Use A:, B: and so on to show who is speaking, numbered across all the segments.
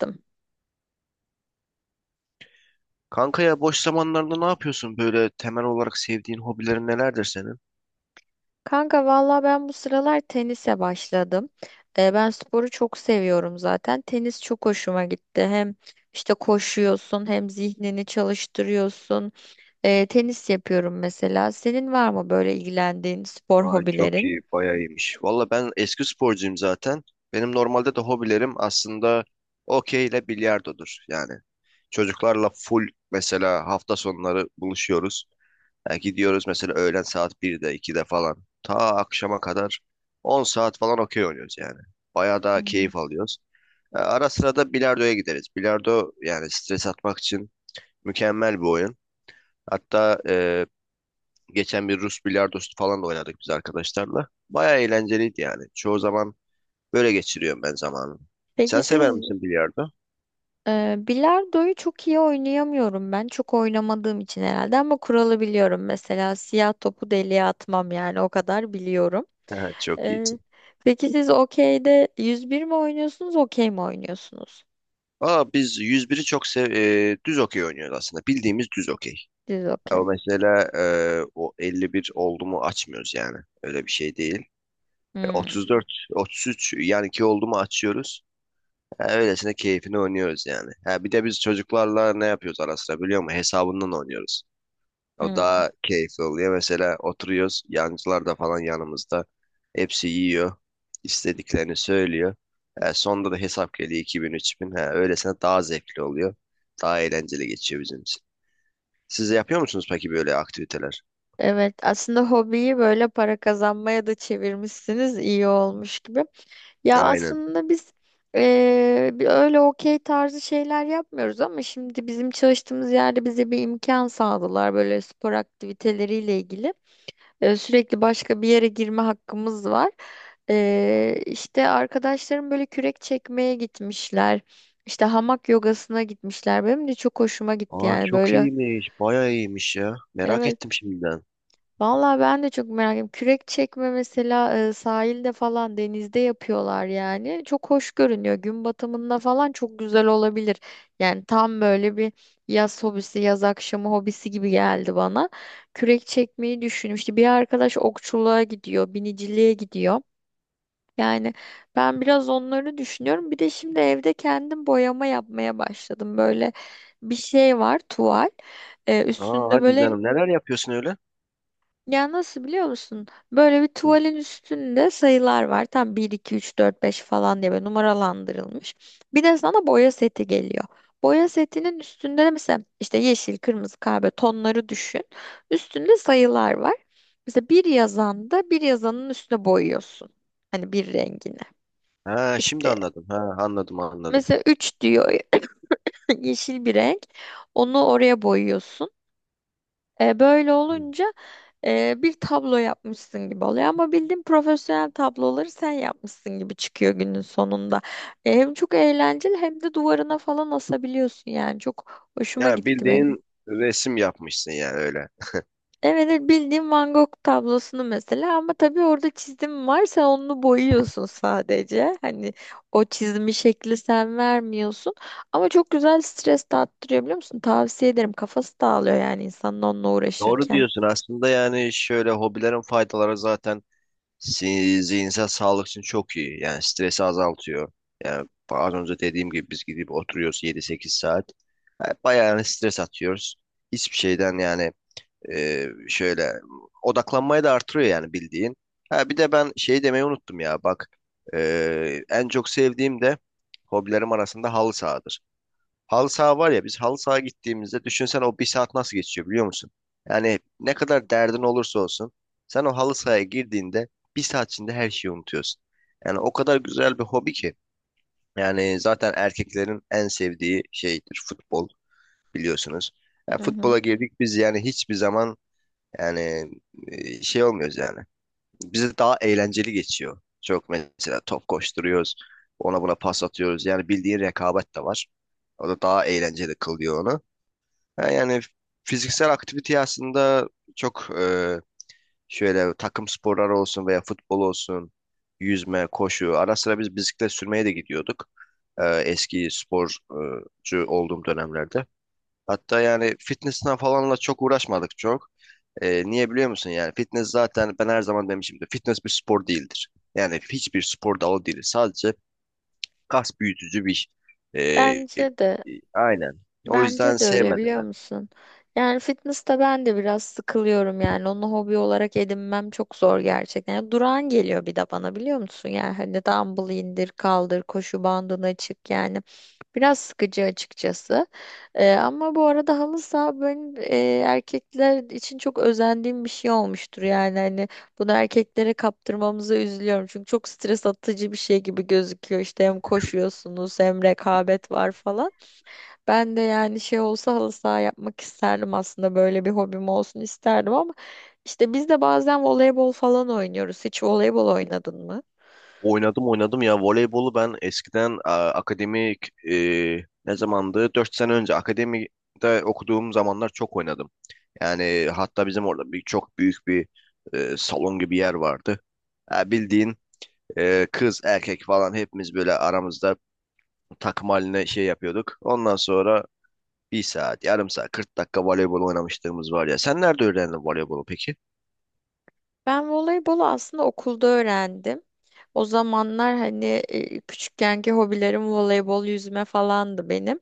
A: Yaptım.
B: Kanka ya boş zamanlarda ne yapıyorsun? Böyle temel olarak sevdiğin hobilerin nelerdir senin?
A: Kanka valla ben bu sıralar tenise başladım. Ben sporu çok seviyorum zaten. Tenis çok hoşuma gitti. Hem işte koşuyorsun hem zihnini çalıştırıyorsun. Tenis yapıyorum mesela. Senin var mı böyle ilgilendiğin spor
B: Ay çok
A: hobilerin?
B: iyi, bayağı iyiymiş. Valla ben eski sporcuyum zaten. Benim normalde de hobilerim aslında okey ile bilardodur. Yani çocuklarla full mesela hafta sonları buluşuyoruz. Yani gidiyoruz mesela öğlen saat 1'de 2'de falan. Ta akşama kadar 10 saat falan okey oynuyoruz yani. Bayağı daha
A: Hmm.
B: keyif alıyoruz. Ara sıra da bilardoya gideriz. Bilardo yani stres atmak için mükemmel bir oyun. Hatta geçen bir Rus bilardosu falan da oynadık biz arkadaşlarla. Baya eğlenceliydi yani. Çoğu zaman böyle geçiriyorum ben zamanımı.
A: Peki
B: Sen sever
A: siz
B: misin bilardo?
A: bilardoyu çok iyi oynayamıyorum ben. Çok oynamadığım için herhalde ama kuralı biliyorum. Mesela siyah topu deliğe atmam yani o kadar biliyorum.
B: Çok
A: Ee,
B: iyisin.
A: peki siz okeyde 101 mi oynuyorsunuz, okey mi oynuyorsunuz?
B: Aa, biz yüz biri düz okey oynuyoruz aslında. Bildiğimiz düz okey.
A: Siz
B: Ama
A: okey.
B: mesela o 51 oldu mu açmıyoruz yani. Öyle bir şey değil.
A: Hmm,
B: 34, 33 yani ki oldu mu açıyoruz. Ha, öylesine keyfini oynuyoruz yani. Ha, bir de biz çocuklarla ne yapıyoruz ara sıra biliyor musun? Hesabından oynuyoruz. O
A: hmm.
B: daha keyifli oluyor. Mesela oturuyoruz. Yancılar da falan yanımızda. Hepsi yiyor. İstediklerini söylüyor. Sonda da hesap geliyor iki bin üç bin. Ha, öylesine daha zevkli oluyor. Daha eğlenceli geçiyor bizim için. Siz de yapıyor musunuz peki böyle aktiviteler?
A: Evet, aslında hobiyi böyle para kazanmaya da çevirmişsiniz, iyi olmuş gibi. Ya
B: Aynen.
A: aslında biz bir öyle okey tarzı şeyler yapmıyoruz ama şimdi bizim çalıştığımız yerde bize bir imkan sağladılar böyle spor aktiviteleriyle ilgili. Sürekli başka bir yere girme hakkımız var. İşte arkadaşlarım böyle kürek çekmeye gitmişler. İşte hamak yogasına gitmişler. Benim de çok hoşuma gitti
B: Aa
A: yani
B: çok
A: böyle.
B: iyiymiş. Bayağı iyiymiş ya. Merak
A: Evet.
B: ettim şimdiden.
A: Vallahi ben de çok merak ediyorum. Kürek çekme mesela sahilde falan denizde yapıyorlar yani. Çok hoş görünüyor. Gün batımında falan çok güzel olabilir. Yani tam böyle bir yaz hobisi, yaz akşamı hobisi gibi geldi bana. Kürek çekmeyi düşünmüştü. Bir arkadaş okçuluğa gidiyor, biniciliğe gidiyor. Yani ben biraz onları düşünüyorum. Bir de şimdi evde kendim boyama yapmaya başladım. Böyle bir şey var, tuval.
B: Aa
A: Üstünde
B: hadi
A: böyle
B: canım neler yapıyorsun öyle?
A: ya, nasıl biliyor musun? Böyle bir
B: Hı.
A: tuvalin üstünde sayılar var. Tam 1, 2, 3, 4, 5 falan diye böyle numaralandırılmış. Bir de sana boya seti geliyor. Boya setinin üstünde de mesela işte yeşil, kırmızı, kahve tonları düşün. Üstünde sayılar var. Mesela bir yazanda bir yazanın üstüne boyuyorsun. Hani bir rengini.
B: Ha şimdi
A: İşte
B: anladım. Ha anladım anladım.
A: mesela 3 diyor yeşil bir renk. Onu oraya boyuyorsun. Böyle
B: Hı.
A: olunca bir tablo yapmışsın gibi oluyor ama bildiğin profesyonel tabloları sen yapmışsın gibi çıkıyor günün sonunda. Hem çok eğlenceli hem de duvarına falan asabiliyorsun yani çok hoşuma
B: Ya
A: gitti benim.
B: bildiğin resim yapmışsın yani öyle.
A: Evet evet, bildiğim Van Gogh tablosunu mesela ama tabii orada çizim var, sen onu boyuyorsun sadece. Hani o çizimi şekli sen vermiyorsun ama çok güzel stres dağıttırıyor biliyor musun? Tavsiye ederim, kafası dağılıyor yani insanın onunla
B: Doğru
A: uğraşırken.
B: diyorsun. Aslında yani şöyle hobilerin faydaları zaten zihinsel sağlık için çok iyi. Yani stresi azaltıyor. Yani az önce dediğim gibi biz gidip oturuyoruz yedi sekiz saat. Yani bayağı yani stres atıyoruz. Hiçbir şeyden yani şöyle odaklanmayı da artırıyor yani bildiğin. Ha, bir de ben şey demeyi unuttum ya bak. En çok sevdiğim de hobilerim arasında halı sahadır. Halı saha var ya biz halı saha gittiğimizde düşünsen o bir saat nasıl geçiyor biliyor musun? Yani ne kadar derdin olursa olsun sen o halı sahaya girdiğinde bir saat içinde her şeyi unutuyorsun. Yani o kadar güzel bir hobi ki. Yani zaten erkeklerin en sevdiği şeydir futbol biliyorsunuz. Yani
A: Hı hı.
B: futbola girdik biz yani hiçbir zaman yani şey olmuyoruz yani. Bize daha eğlenceli geçiyor. Çok mesela top koşturuyoruz. Ona buna pas atıyoruz. Yani bildiğin rekabet de var. O da daha eğlenceli kılıyor onu. Ha, yani fiziksel aktivite aslında çok şöyle takım sporları olsun veya futbol olsun, yüzme, koşu. Ara sıra biz bisiklet sürmeye de gidiyorduk, eski sporcu olduğum dönemlerde. Hatta yani fitness'ten falanla çok uğraşmadık çok. Niye biliyor musun? Yani fitness zaten ben her zaman demişimdir. Fitness bir spor değildir. Yani hiçbir spor dalı değil. Sadece kas büyütücü bir, e, e,
A: Bence de
B: aynen. O yüzden
A: bence de öyle
B: sevmedim.
A: biliyor musun? Yani fitness'ta ben de biraz sıkılıyorum yani onu hobi olarak edinmem çok zor gerçekten. Yani durağan geliyor bir de bana biliyor musun? Yani hani dumbbell indir kaldır, koşu bandını çık yani biraz sıkıcı açıkçası. Ama bu arada halı saha, ben erkekler için çok özendiğim bir şey olmuştur yani hani bunu erkeklere kaptırmamıza üzülüyorum. Çünkü çok stres atıcı bir şey gibi gözüküyor. İşte hem koşuyorsunuz hem rekabet var falan. Ben de yani şey olsa halı saha yapmak isterdim aslında, böyle bir hobim olsun isterdim ama işte biz de bazen voleybol falan oynuyoruz. Hiç voleybol oynadın mı?
B: Oynadım oynadım ya voleybolu ben eskiden akademik, ne zamandı? 4 sene önce akademide okuduğum zamanlar çok oynadım. Yani hatta bizim orada bir çok büyük bir salon gibi yer vardı. Ha, bildiğin kız erkek falan hepimiz böyle aramızda takım haline şey yapıyorduk. Ondan sonra bir saat, yarım saat, 40 dakika voleybol oynamışlığımız var ya. Sen nerede öğrendin voleybolu peki?
A: Ben voleybolu aslında okulda öğrendim. O zamanlar hani küçükkenki hobilerim voleybol, yüzme falandı benim.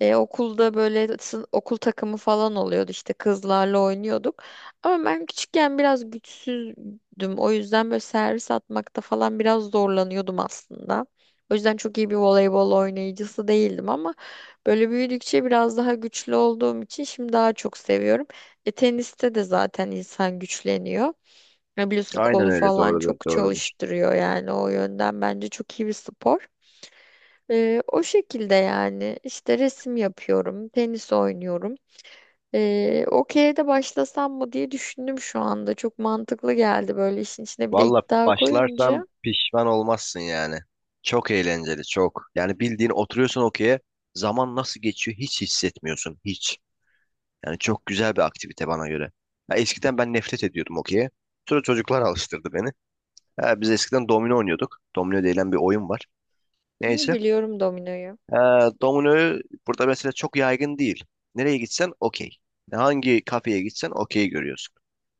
A: Okulda böyle okul takımı falan oluyordu, işte kızlarla oynuyorduk. Ama ben küçükken biraz güçsüzdüm. O yüzden böyle servis atmakta falan biraz zorlanıyordum aslında. O yüzden çok iyi bir voleybol oynayıcısı değildim ama böyle büyüdükçe biraz daha güçlü olduğum için şimdi daha çok seviyorum. Teniste de zaten insan güçleniyor. Ya biliyorsun
B: Aynen,
A: kolu
B: öyle
A: falan
B: doğrudur
A: çok
B: doğrudur.
A: çalıştırıyor yani o yönden bence çok iyi bir spor. O şekilde yani işte resim yapıyorum, tenis oynuyorum. Okey'e de başlasam mı diye düşündüm şu anda. Çok mantıklı geldi böyle, işin içine bir de
B: Valla
A: iddia
B: başlarsan
A: koyunca.
B: pişman olmazsın yani. Çok eğlenceli, çok. Yani bildiğin oturuyorsun okey'e, zaman nasıl geçiyor hiç hissetmiyorsun, hiç. Yani çok güzel bir aktivite bana göre. Ya eskiden ben nefret ediyordum okey'e. Sonra çocuklar alıştırdı beni. Ha, biz eskiden domino oynuyorduk. Domino denilen bir oyun var.
A: Hı,
B: Neyse.
A: biliyorum dominoyu.
B: Ha, dominoyu burada mesela çok yaygın değil. Nereye gitsen okey. Hangi kafeye gitsen okey görüyorsun.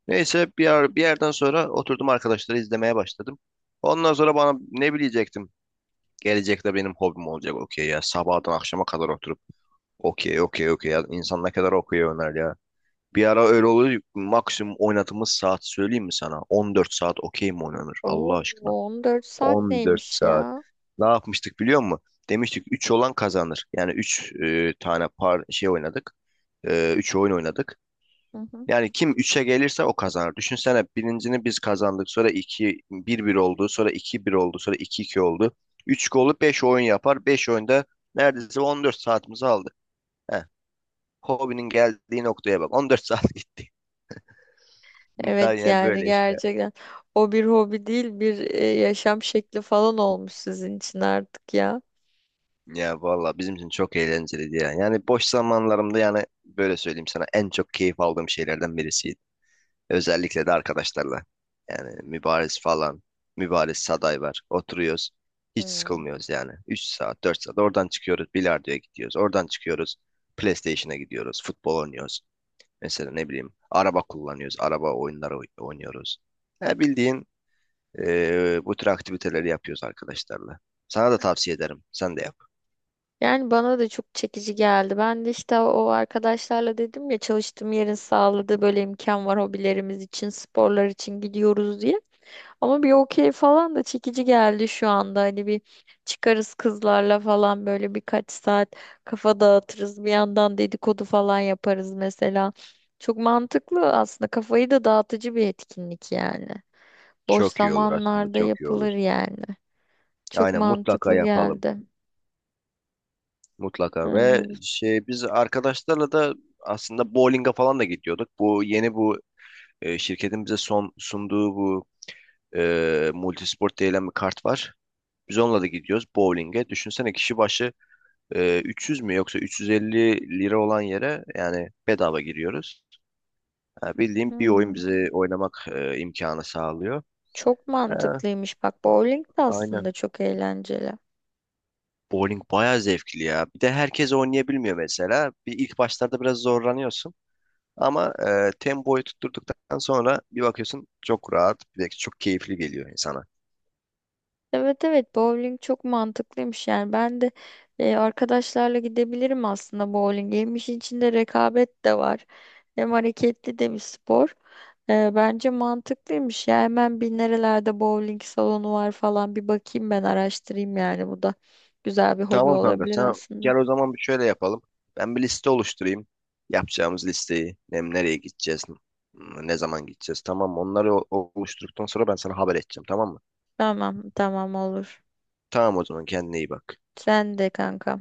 B: Neyse bir yerden sonra oturdum, arkadaşları izlemeye başladım. Ondan sonra bana ne bilecektim? Gelecekte benim hobim olacak okey ya. Sabahtan akşama kadar oturup okey okey okey ya. İnsan ne kadar okey oynar ya. Bir ara öyle oluyor. Maksimum oynadığımız saat söyleyeyim mi sana? 14 saat okey mi oynanır Allah
A: Oo,
B: aşkına?
A: 14 saat
B: 14
A: neymiş
B: saat.
A: ya?
B: Ne yapmıştık biliyor musun? Demiştik 3 olan kazanır. Yani 3 tane par şey oynadık. 3 oyun oynadık.
A: Hı hı.
B: Yani kim üçe gelirse o kazanır. Düşünsene birincini biz kazandık. Sonra iki bir bir oldu. Sonra iki bir oldu. Sonra iki iki oldu. 3 golü 5 oyun yapar. Beş oyunda neredeyse 14 saatimizi aldı. Heh. Hobinin geldiği noktaya bak. 14 saat gitti. Tabii
A: Evet
B: yani
A: yani
B: böyle işte.
A: gerçekten o bir hobi değil, bir yaşam şekli falan olmuş sizin için artık ya.
B: Ya valla bizim için çok eğlenceliydi ya. Yani boş zamanlarımda yani böyle söyleyeyim sana en çok keyif aldığım şeylerden birisiydi. Özellikle de arkadaşlarla. Yani Mübariz falan. Mübariz Saday var. Oturuyoruz. Hiç
A: Hı.
B: sıkılmıyoruz yani. 3 saat, 4 saat. Oradan çıkıyoruz. Bilardo'ya gidiyoruz. Oradan çıkıyoruz. PlayStation'a gidiyoruz. Futbol oynuyoruz. Mesela ne bileyim. Araba kullanıyoruz. Araba oyunları oynuyoruz. Ya bildiğin bu tür aktiviteleri yapıyoruz arkadaşlarla. Sana da tavsiye ederim. Sen de yap.
A: Yani bana da çok çekici geldi. Ben de işte o arkadaşlarla dedim ya, çalıştığım yerin sağladığı böyle imkan var hobilerimiz için, sporlar için gidiyoruz diye. Ama bir okey falan da çekici geldi şu anda. Hani bir çıkarız kızlarla falan böyle birkaç saat kafa dağıtırız. Bir yandan dedikodu falan yaparız mesela. Çok mantıklı aslında. Kafayı da dağıtıcı bir etkinlik yani. Boş
B: Çok iyi olur aslında.
A: zamanlarda
B: Çok iyi olur.
A: yapılır yani. Çok
B: Aynen, mutlaka
A: mantıklı
B: yapalım.
A: geldi.
B: Mutlaka ve
A: Evet.
B: şey, biz arkadaşlarla da aslında bowling'e falan da gidiyorduk. Bu yeni bu şirketin bize son sunduğu bu multisport denilen bir kart var. Biz onunla da gidiyoruz bowling'e. Düşünsene kişi başı 300 mü yoksa 350 lira olan yere yani bedava giriyoruz. Ha, bildiğim bir oyun
A: Hmm.
B: bize oynamak imkanı sağlıyor.
A: Çok
B: Ha,
A: mantıklıymış bak, bowling de
B: aynen.
A: aslında çok eğlenceli.
B: Bowling bayağı zevkli ya. Bir de herkes oynayabilmiyor mesela. Bir ilk başlarda biraz zorlanıyorsun. Ama tempoyu tutturduktan sonra bir bakıyorsun çok rahat, bir de çok keyifli geliyor insana.
A: Evet evet, bowling çok mantıklıymış yani ben de arkadaşlarla gidebilirim aslında bowling. Hem işin içinde rekabet de var hem hareketli de bir spor. Bence mantıklıymış ya, hemen bir nerelerde bowling salonu var falan bir bakayım, ben araştırayım yani bu da güzel bir hobi
B: Tamam kanka,
A: olabilir
B: sen
A: aslında.
B: gel o zaman, bir şöyle yapalım. Ben bir liste oluşturayım. Yapacağımız listeyi, nereye gideceğiz, ne zaman gideceğiz, tamam mı? Onları oluşturduktan sonra ben sana haber edeceğim, tamam mı?
A: Tamam tamam, olur.
B: Tamam, o zaman kendine iyi bak.
A: Sen de kanka.